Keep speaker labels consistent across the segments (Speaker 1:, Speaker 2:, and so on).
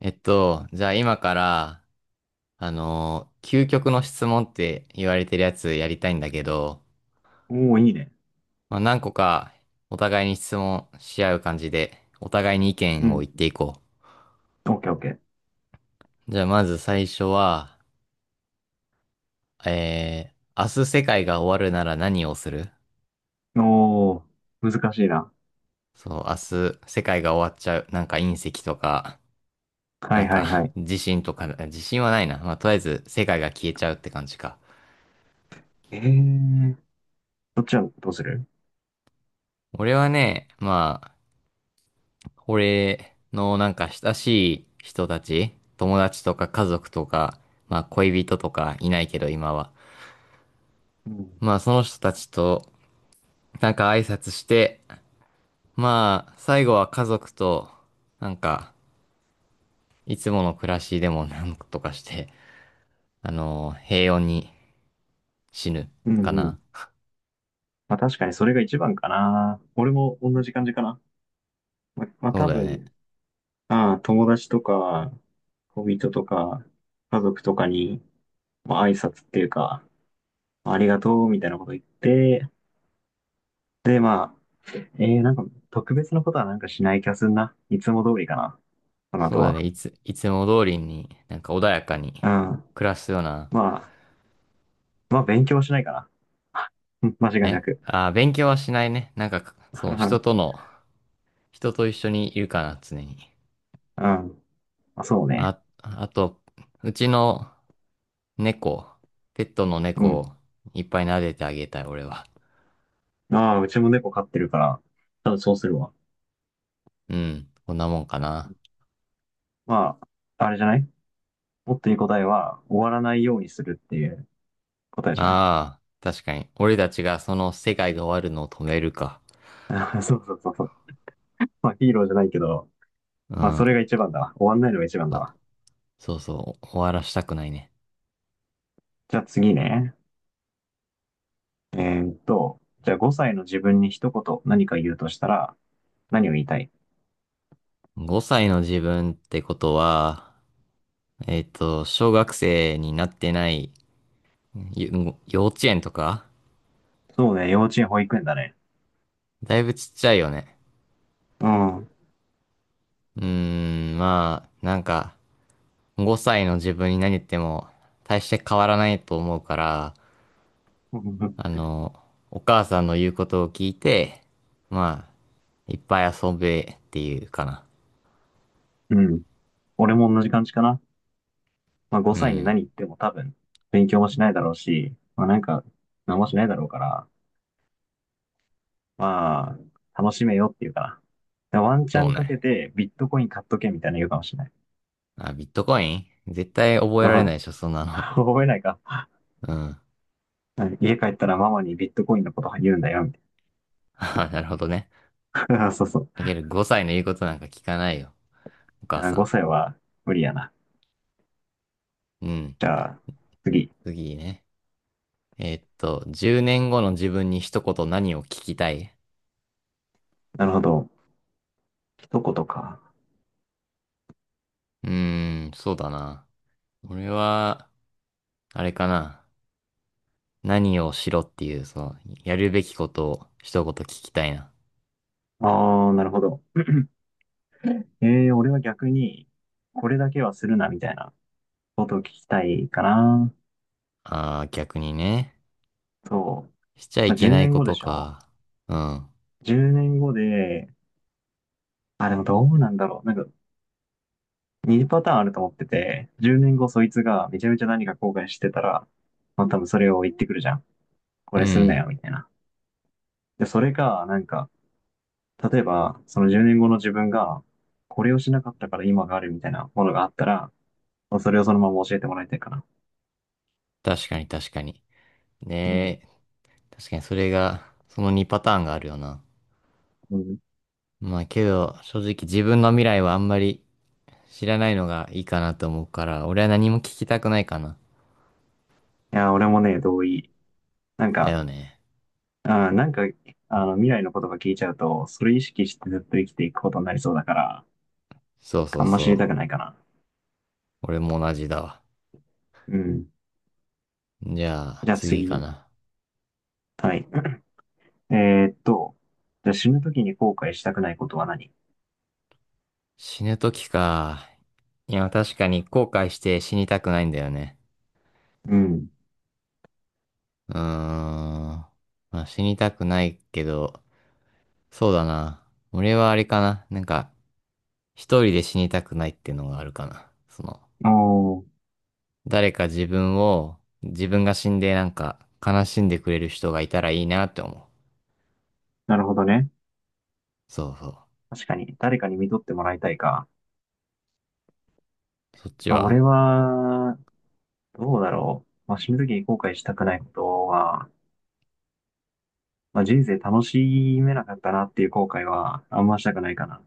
Speaker 1: じゃあ今から、究極の質問って言われてるやつやりたいんだけど、
Speaker 2: おお、いいね。
Speaker 1: まあ、何個かお互いに質問し合う感じで、お互いに意
Speaker 2: う
Speaker 1: 見を言
Speaker 2: ん。
Speaker 1: っていこ
Speaker 2: オッケーオッケー。
Speaker 1: う。じゃあまず最初は、明日世界が終わるなら何をする？
Speaker 2: おお、難しいな。
Speaker 1: そう、明日世界が終わっちゃう。なんか隕石とか、
Speaker 2: は
Speaker 1: なん
Speaker 2: いはいは
Speaker 1: か
Speaker 2: い。
Speaker 1: 地震とか、地震はないな。まあ、とりあえず世界が消えちゃうって感じか。
Speaker 2: えー、そっちはどうする？
Speaker 1: 俺はね、まあ、俺のなんか親しい人たち、友達とか家族とか、まあ恋人とかいないけど今は。
Speaker 2: うん。
Speaker 1: まあその人たちとなんか挨拶して、まあ最後は家族となんかいつもの暮らしでもなんとかして、平穏に死ぬ
Speaker 2: うんう
Speaker 1: かな。
Speaker 2: ん。まあ確かにそれが一番かな。俺も同じ感じかな。まあ
Speaker 1: そう
Speaker 2: 多
Speaker 1: だよね。
Speaker 2: 分、ああ、友達とか、恋人とか、家族とかに、まあ挨拶っていうか、まありがとうみたいなこと言って、でまあ、なんか特別なことはなんかしない気がするな。いつも通りかな。その
Speaker 1: そ
Speaker 2: 後
Speaker 1: うだね。
Speaker 2: は。
Speaker 1: いつも通りになんか穏やかに
Speaker 2: うん。
Speaker 1: 暮らすような。
Speaker 2: まあ、まあ、勉強はしないかな。間違いな
Speaker 1: え、
Speaker 2: く。
Speaker 1: 勉強はしないね。なんかそう、人と一緒にいるかな、常に。
Speaker 2: うん。まあ、そうね。
Speaker 1: あ、あと、うちの猫、ペットの
Speaker 2: う
Speaker 1: 猫
Speaker 2: ん。
Speaker 1: をいっぱい撫でてあげたい、俺は。
Speaker 2: ああ、うちも猫飼ってるから、多分そうするわ。
Speaker 1: うん、こんなもんかな。
Speaker 2: まあ、あれじゃない？もっといい答えは、終わらないようにするっていう答えじゃない？
Speaker 1: ああ、確かに。俺たちがその世界が終わるのを止めるか。
Speaker 2: そうそうそうそう。まあ、ヒーローじゃないけど、
Speaker 1: う
Speaker 2: まあ、そ
Speaker 1: ん、
Speaker 2: れが一番だわ。終わんないのが一番
Speaker 1: そ
Speaker 2: だ
Speaker 1: う
Speaker 2: わ。
Speaker 1: そうそう、終わらしたくないね。
Speaker 2: じゃあ次ね。じゃあ5歳の自分に一言何か言うとしたら、何を言いたい？
Speaker 1: 5歳の自分ってことは、小学生になってない、ゆ幼稚園とか
Speaker 2: そうね、幼稚園、保育園だね。
Speaker 1: だいぶちっちゃいよね。
Speaker 2: うん。
Speaker 1: うーまあ、なんか、5歳の自分に何言っても大して変わらないと思うから、あ の、お母さんの言うことを聞いて、まあ、いっぱい遊べっていうかな。
Speaker 2: うん。俺も同じ感じかな。まあ、
Speaker 1: う
Speaker 2: 5歳に
Speaker 1: ん。
Speaker 2: 何言っても多分、勉強もしないだろうし、まあ、なんか、何もしないだろうから、まあ、楽しめよっていうかな。でワンチャ
Speaker 1: そう
Speaker 2: ンかけ
Speaker 1: ね。
Speaker 2: て、ビットコイン買っとけみたいな言うかもしれない。
Speaker 1: あ、ビットコイン絶対覚え
Speaker 2: う
Speaker 1: られないで
Speaker 2: ん。
Speaker 1: しょ、そんな の。
Speaker 2: 覚えないか。
Speaker 1: うん。
Speaker 2: 家帰ったらママにビットコインのこと言うんだよ、み
Speaker 1: あ、なるほどね。
Speaker 2: たいな。そうそう。
Speaker 1: だけど5歳の言うことなんか聞かないよ、お母さ
Speaker 2: 5歳は無理やな。
Speaker 1: ん。うん。
Speaker 2: じゃあ、次。
Speaker 1: 次ね。10年後の自分に一言何を聞きたい？
Speaker 2: なるほど。一言か。
Speaker 1: うーそうだな。俺は、あれかな。何をしろっていう、やるべきことを一言聞きたいな。
Speaker 2: ああ、なるほど。俺は逆に、これだけはするな、みたいなことを聞きたいかな。
Speaker 1: ああ、逆にね。
Speaker 2: そう。
Speaker 1: しちゃ
Speaker 2: ま
Speaker 1: い
Speaker 2: あ、
Speaker 1: け
Speaker 2: 10
Speaker 1: ない
Speaker 2: 年
Speaker 1: こ
Speaker 2: 後で
Speaker 1: と
Speaker 2: しょ？
Speaker 1: か。うん。
Speaker 2: 10 年後で、あ、でもどうなんだろう。なんか、2パターンあると思ってて、10年後そいつがめちゃめちゃ何か後悔してたら、まあ多分それを言ってくるじゃん。こ
Speaker 1: う
Speaker 2: れするな
Speaker 1: ん。
Speaker 2: よ、みたいな。で、それが、なんか、例えば、その10年後の自分が、これをしなかったから今があるみたいなものがあったら、まあそれをそのまま教えてもらいたいかな。
Speaker 1: 確かに確かに。
Speaker 2: う
Speaker 1: ね
Speaker 2: ん。
Speaker 1: え、確かにそれが、その2パターンがあるよな。
Speaker 2: うん。い
Speaker 1: まあけど、正直自分の未来はあんまり知らないのがいいかなと思うから、俺は何も聞きたくないかな。
Speaker 2: や、俺もね、同意。なん
Speaker 1: だ
Speaker 2: か、
Speaker 1: よね。
Speaker 2: なんか、未来のことが聞いちゃうと、それ意識してずっと生きていくことになりそうだから、
Speaker 1: そうそ
Speaker 2: あ
Speaker 1: う
Speaker 2: んま知
Speaker 1: そ
Speaker 2: り
Speaker 1: う。
Speaker 2: たくないかな。
Speaker 1: 俺も同じだわ。
Speaker 2: うん。
Speaker 1: じゃあ、
Speaker 2: じゃあ
Speaker 1: 次か
Speaker 2: 次。
Speaker 1: な。
Speaker 2: はい。えーっと、じゃあ死ぬ時に後悔したくないことは何？
Speaker 1: 死ぬ時か。いや、確かに後悔して死にたくないんだよね。
Speaker 2: うん。
Speaker 1: うーん。まあ、死にたくないけど、そうだな。俺はあれかな。なんか、一人で死にたくないっていうのがあるかな。
Speaker 2: おー、
Speaker 1: 誰か自分を、自分が死んでなんか悲しんでくれる人がいたらいいなって思う。
Speaker 2: なるほどね。
Speaker 1: そうそう。
Speaker 2: 確かに、誰かに見とってもらいたいか。
Speaker 1: そっち
Speaker 2: あ、俺
Speaker 1: は。
Speaker 2: は、どうだろう。まあ、死ぬ時に後悔したくないことは、まあ、人生楽しめなかったなっていう後悔は、あんましたくないかな。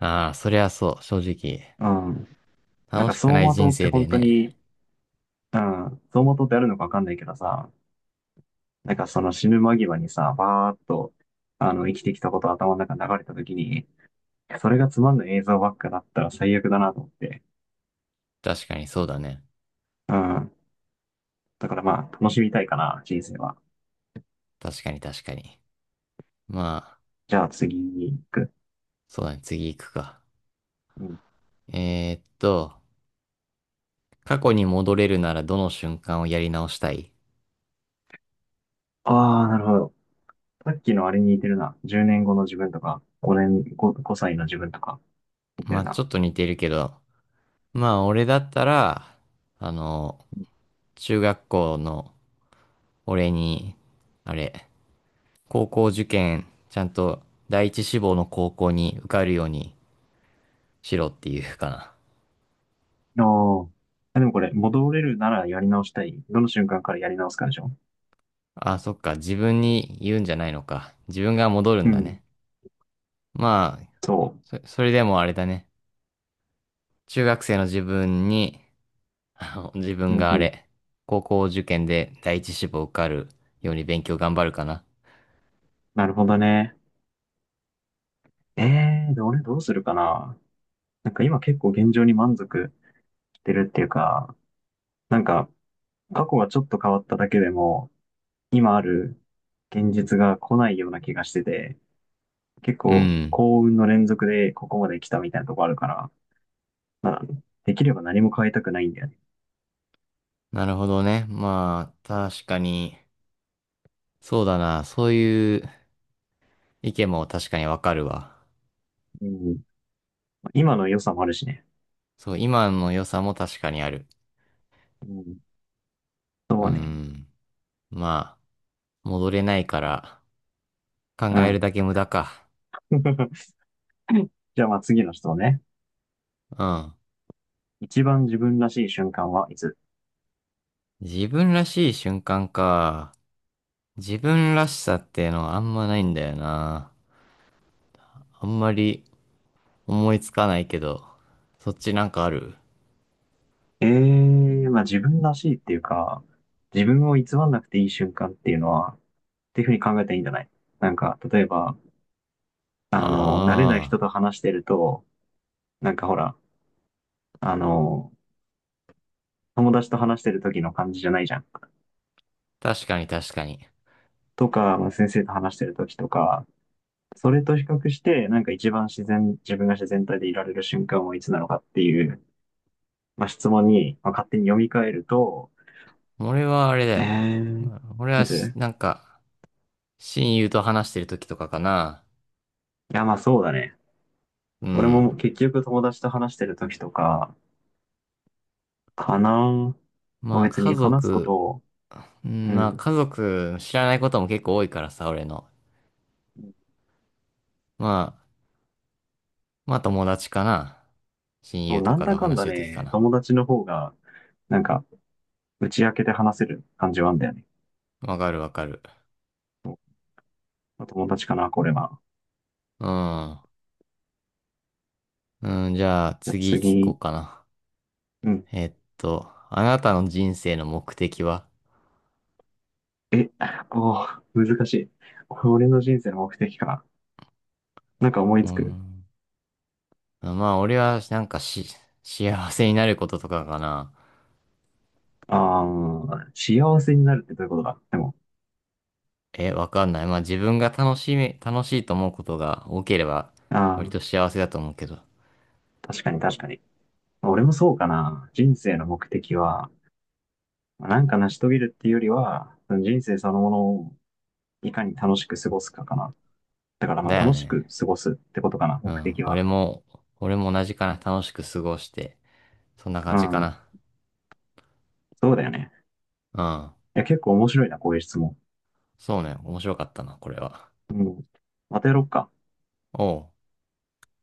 Speaker 1: ああ、そりゃそう、正直。
Speaker 2: うん。なん
Speaker 1: 楽
Speaker 2: か、
Speaker 1: し
Speaker 2: 走
Speaker 1: くない
Speaker 2: 馬灯
Speaker 1: 人
Speaker 2: って
Speaker 1: 生で
Speaker 2: 本当
Speaker 1: ね。
Speaker 2: に、うん、走馬灯ってあるのかわかんないけどさ、なんかその死ぬ間際にさ、バーっと、生きてきたこと頭の中に流れた時に、それがつまんない映像ばっかだったら最悪だなと思って。
Speaker 1: 確かにそうだね。
Speaker 2: うん。だからまあ、楽しみたいかな、人生は。
Speaker 1: 確かに確かに。まあ、
Speaker 2: じゃあ次に行く。
Speaker 1: そうだね、次行くか。
Speaker 2: うん。
Speaker 1: えーっと、過去に戻れるならどの瞬間をやり直したい？
Speaker 2: ああ、なるほど。さっきのあれに似てるな。10年後の自分とか、5年、5、5歳の自分とか、似て
Speaker 1: ま
Speaker 2: る
Speaker 1: あちょ
Speaker 2: な。
Speaker 1: っと似てるけど、まあ俺だったら、あの、中学校の俺に、あれ、高校受験、ちゃんと第一志望の高校に受かるようにしろっていうかな。
Speaker 2: おー。あ、でもこれ、戻れるならやり直したい。どの瞬間からやり直すかでしょ？
Speaker 1: あ、そっか、自分に言うんじゃないのか。自分が戻る
Speaker 2: う
Speaker 1: んだね。
Speaker 2: ん。
Speaker 1: まあ、
Speaker 2: そ
Speaker 1: それでもあれだね。中学生の自分にあの自
Speaker 2: う。
Speaker 1: 分
Speaker 2: うん
Speaker 1: が
Speaker 2: うん。
Speaker 1: 高校受験で第一志望受かるように勉強頑張るかな。
Speaker 2: なるほどね。ええー、で、俺どうするかな。なんか今結構現状に満足してるっていうか、なんか過去がちょっと変わっただけでも、今ある現実が来ないような気がしてて、結
Speaker 1: う
Speaker 2: 構
Speaker 1: ん。
Speaker 2: 幸運の連続でここまで来たみたいなとこあるから、まあ、できれば何も変えたくないんだよね。
Speaker 1: なるほどね。まあ、確かに、そうだな。そういう意見も確かにわかるわ。
Speaker 2: うん。今の良さもあるしね。
Speaker 1: そう、今の良さも確かにある。
Speaker 2: うん。
Speaker 1: う
Speaker 2: そうね。
Speaker 1: ん。まあ、戻れないから、考
Speaker 2: う
Speaker 1: える
Speaker 2: ん。
Speaker 1: だけ無駄か。
Speaker 2: じゃあまあ次の人ね。
Speaker 1: うん。
Speaker 2: 一番自分らしい瞬間はいつ？
Speaker 1: 自分らしい瞬間か。自分らしさってのはあんまないんだよな。あんまり思いつかないけど、そっちなんかある？
Speaker 2: ええー、まあ自分らしいっていうか、自分を偽らなくていい瞬間っていうのは、っていうふうに考えたらいいんじゃない？なんか、例えば、慣れない人
Speaker 1: あ
Speaker 2: と話してると、なんかほら、あの、友達と話してる時の感じじゃないじゃん。
Speaker 1: あー、確かに確かに。
Speaker 2: とか、まあ先生と話してる時とか、それと比較して、なんか一番自然、自分が自然体でいられる瞬間はいつなのかっていう、まあ、質問に、まあ、勝手に読み替えると、
Speaker 1: 俺はあれだ
Speaker 2: え
Speaker 1: よね。
Speaker 2: ー、
Speaker 1: 俺は
Speaker 2: いつい
Speaker 1: し、なんか、親友と話してる時とかかな。
Speaker 2: や、まあそうだね。
Speaker 1: う
Speaker 2: 俺
Speaker 1: ん。
Speaker 2: も結局友達と話してる時とか、かな。まあ
Speaker 1: まあ、
Speaker 2: 別
Speaker 1: 家
Speaker 2: に話すこと
Speaker 1: 族、
Speaker 2: を、
Speaker 1: う
Speaker 2: う
Speaker 1: んまあ、
Speaker 2: ん、
Speaker 1: 家族知らないことも結構多いからさ、俺の。まあ、まあ、友達かな。親
Speaker 2: そ
Speaker 1: 友
Speaker 2: う
Speaker 1: と
Speaker 2: なん
Speaker 1: かと
Speaker 2: だかん
Speaker 1: 話し
Speaker 2: だ
Speaker 1: てる時か
Speaker 2: ね、
Speaker 1: な。
Speaker 2: 友達の方が、なんか、打ち明けて話せる感じはあんだよね。
Speaker 1: わかるわかる。
Speaker 2: そう。まあ友達かな、これは。
Speaker 1: うん。うん、じゃあ
Speaker 2: じゃあ
Speaker 1: 次聞こ
Speaker 2: 次、
Speaker 1: うかな。
Speaker 2: うん。
Speaker 1: えっあなたの人生の目的は？
Speaker 2: え、おー、難しい。俺の人生の目的か。なんか思い
Speaker 1: う
Speaker 2: つく。
Speaker 1: んまあ、俺は、なんかし、幸せになることとかかな。
Speaker 2: ああ、幸せになるってどういうことだ、でも、
Speaker 1: え、わかんない。まあ、自分が楽しいと思うことが多ければ、割
Speaker 2: あ
Speaker 1: と
Speaker 2: あ、
Speaker 1: 幸せだと思うけど。
Speaker 2: 確かに確かに。俺もそうかな。人生の目的は、なんか成し遂げるっていうよりは、人生そのものをいかに楽しく過ごすかかな。だからまあ
Speaker 1: だよ
Speaker 2: 楽しく
Speaker 1: ね。
Speaker 2: 過ごすってことかな、
Speaker 1: う
Speaker 2: 目
Speaker 1: ん。
Speaker 2: 的
Speaker 1: 俺
Speaker 2: は。
Speaker 1: も、俺も同じかな。楽しく過ごして。そんな感
Speaker 2: う
Speaker 1: じか
Speaker 2: ん。
Speaker 1: な。
Speaker 2: そうだよね。
Speaker 1: うん。
Speaker 2: いや、結構面白いな、こういう質問。
Speaker 1: そうね。面白かったな、これは。
Speaker 2: うん。またやろっか。
Speaker 1: おう。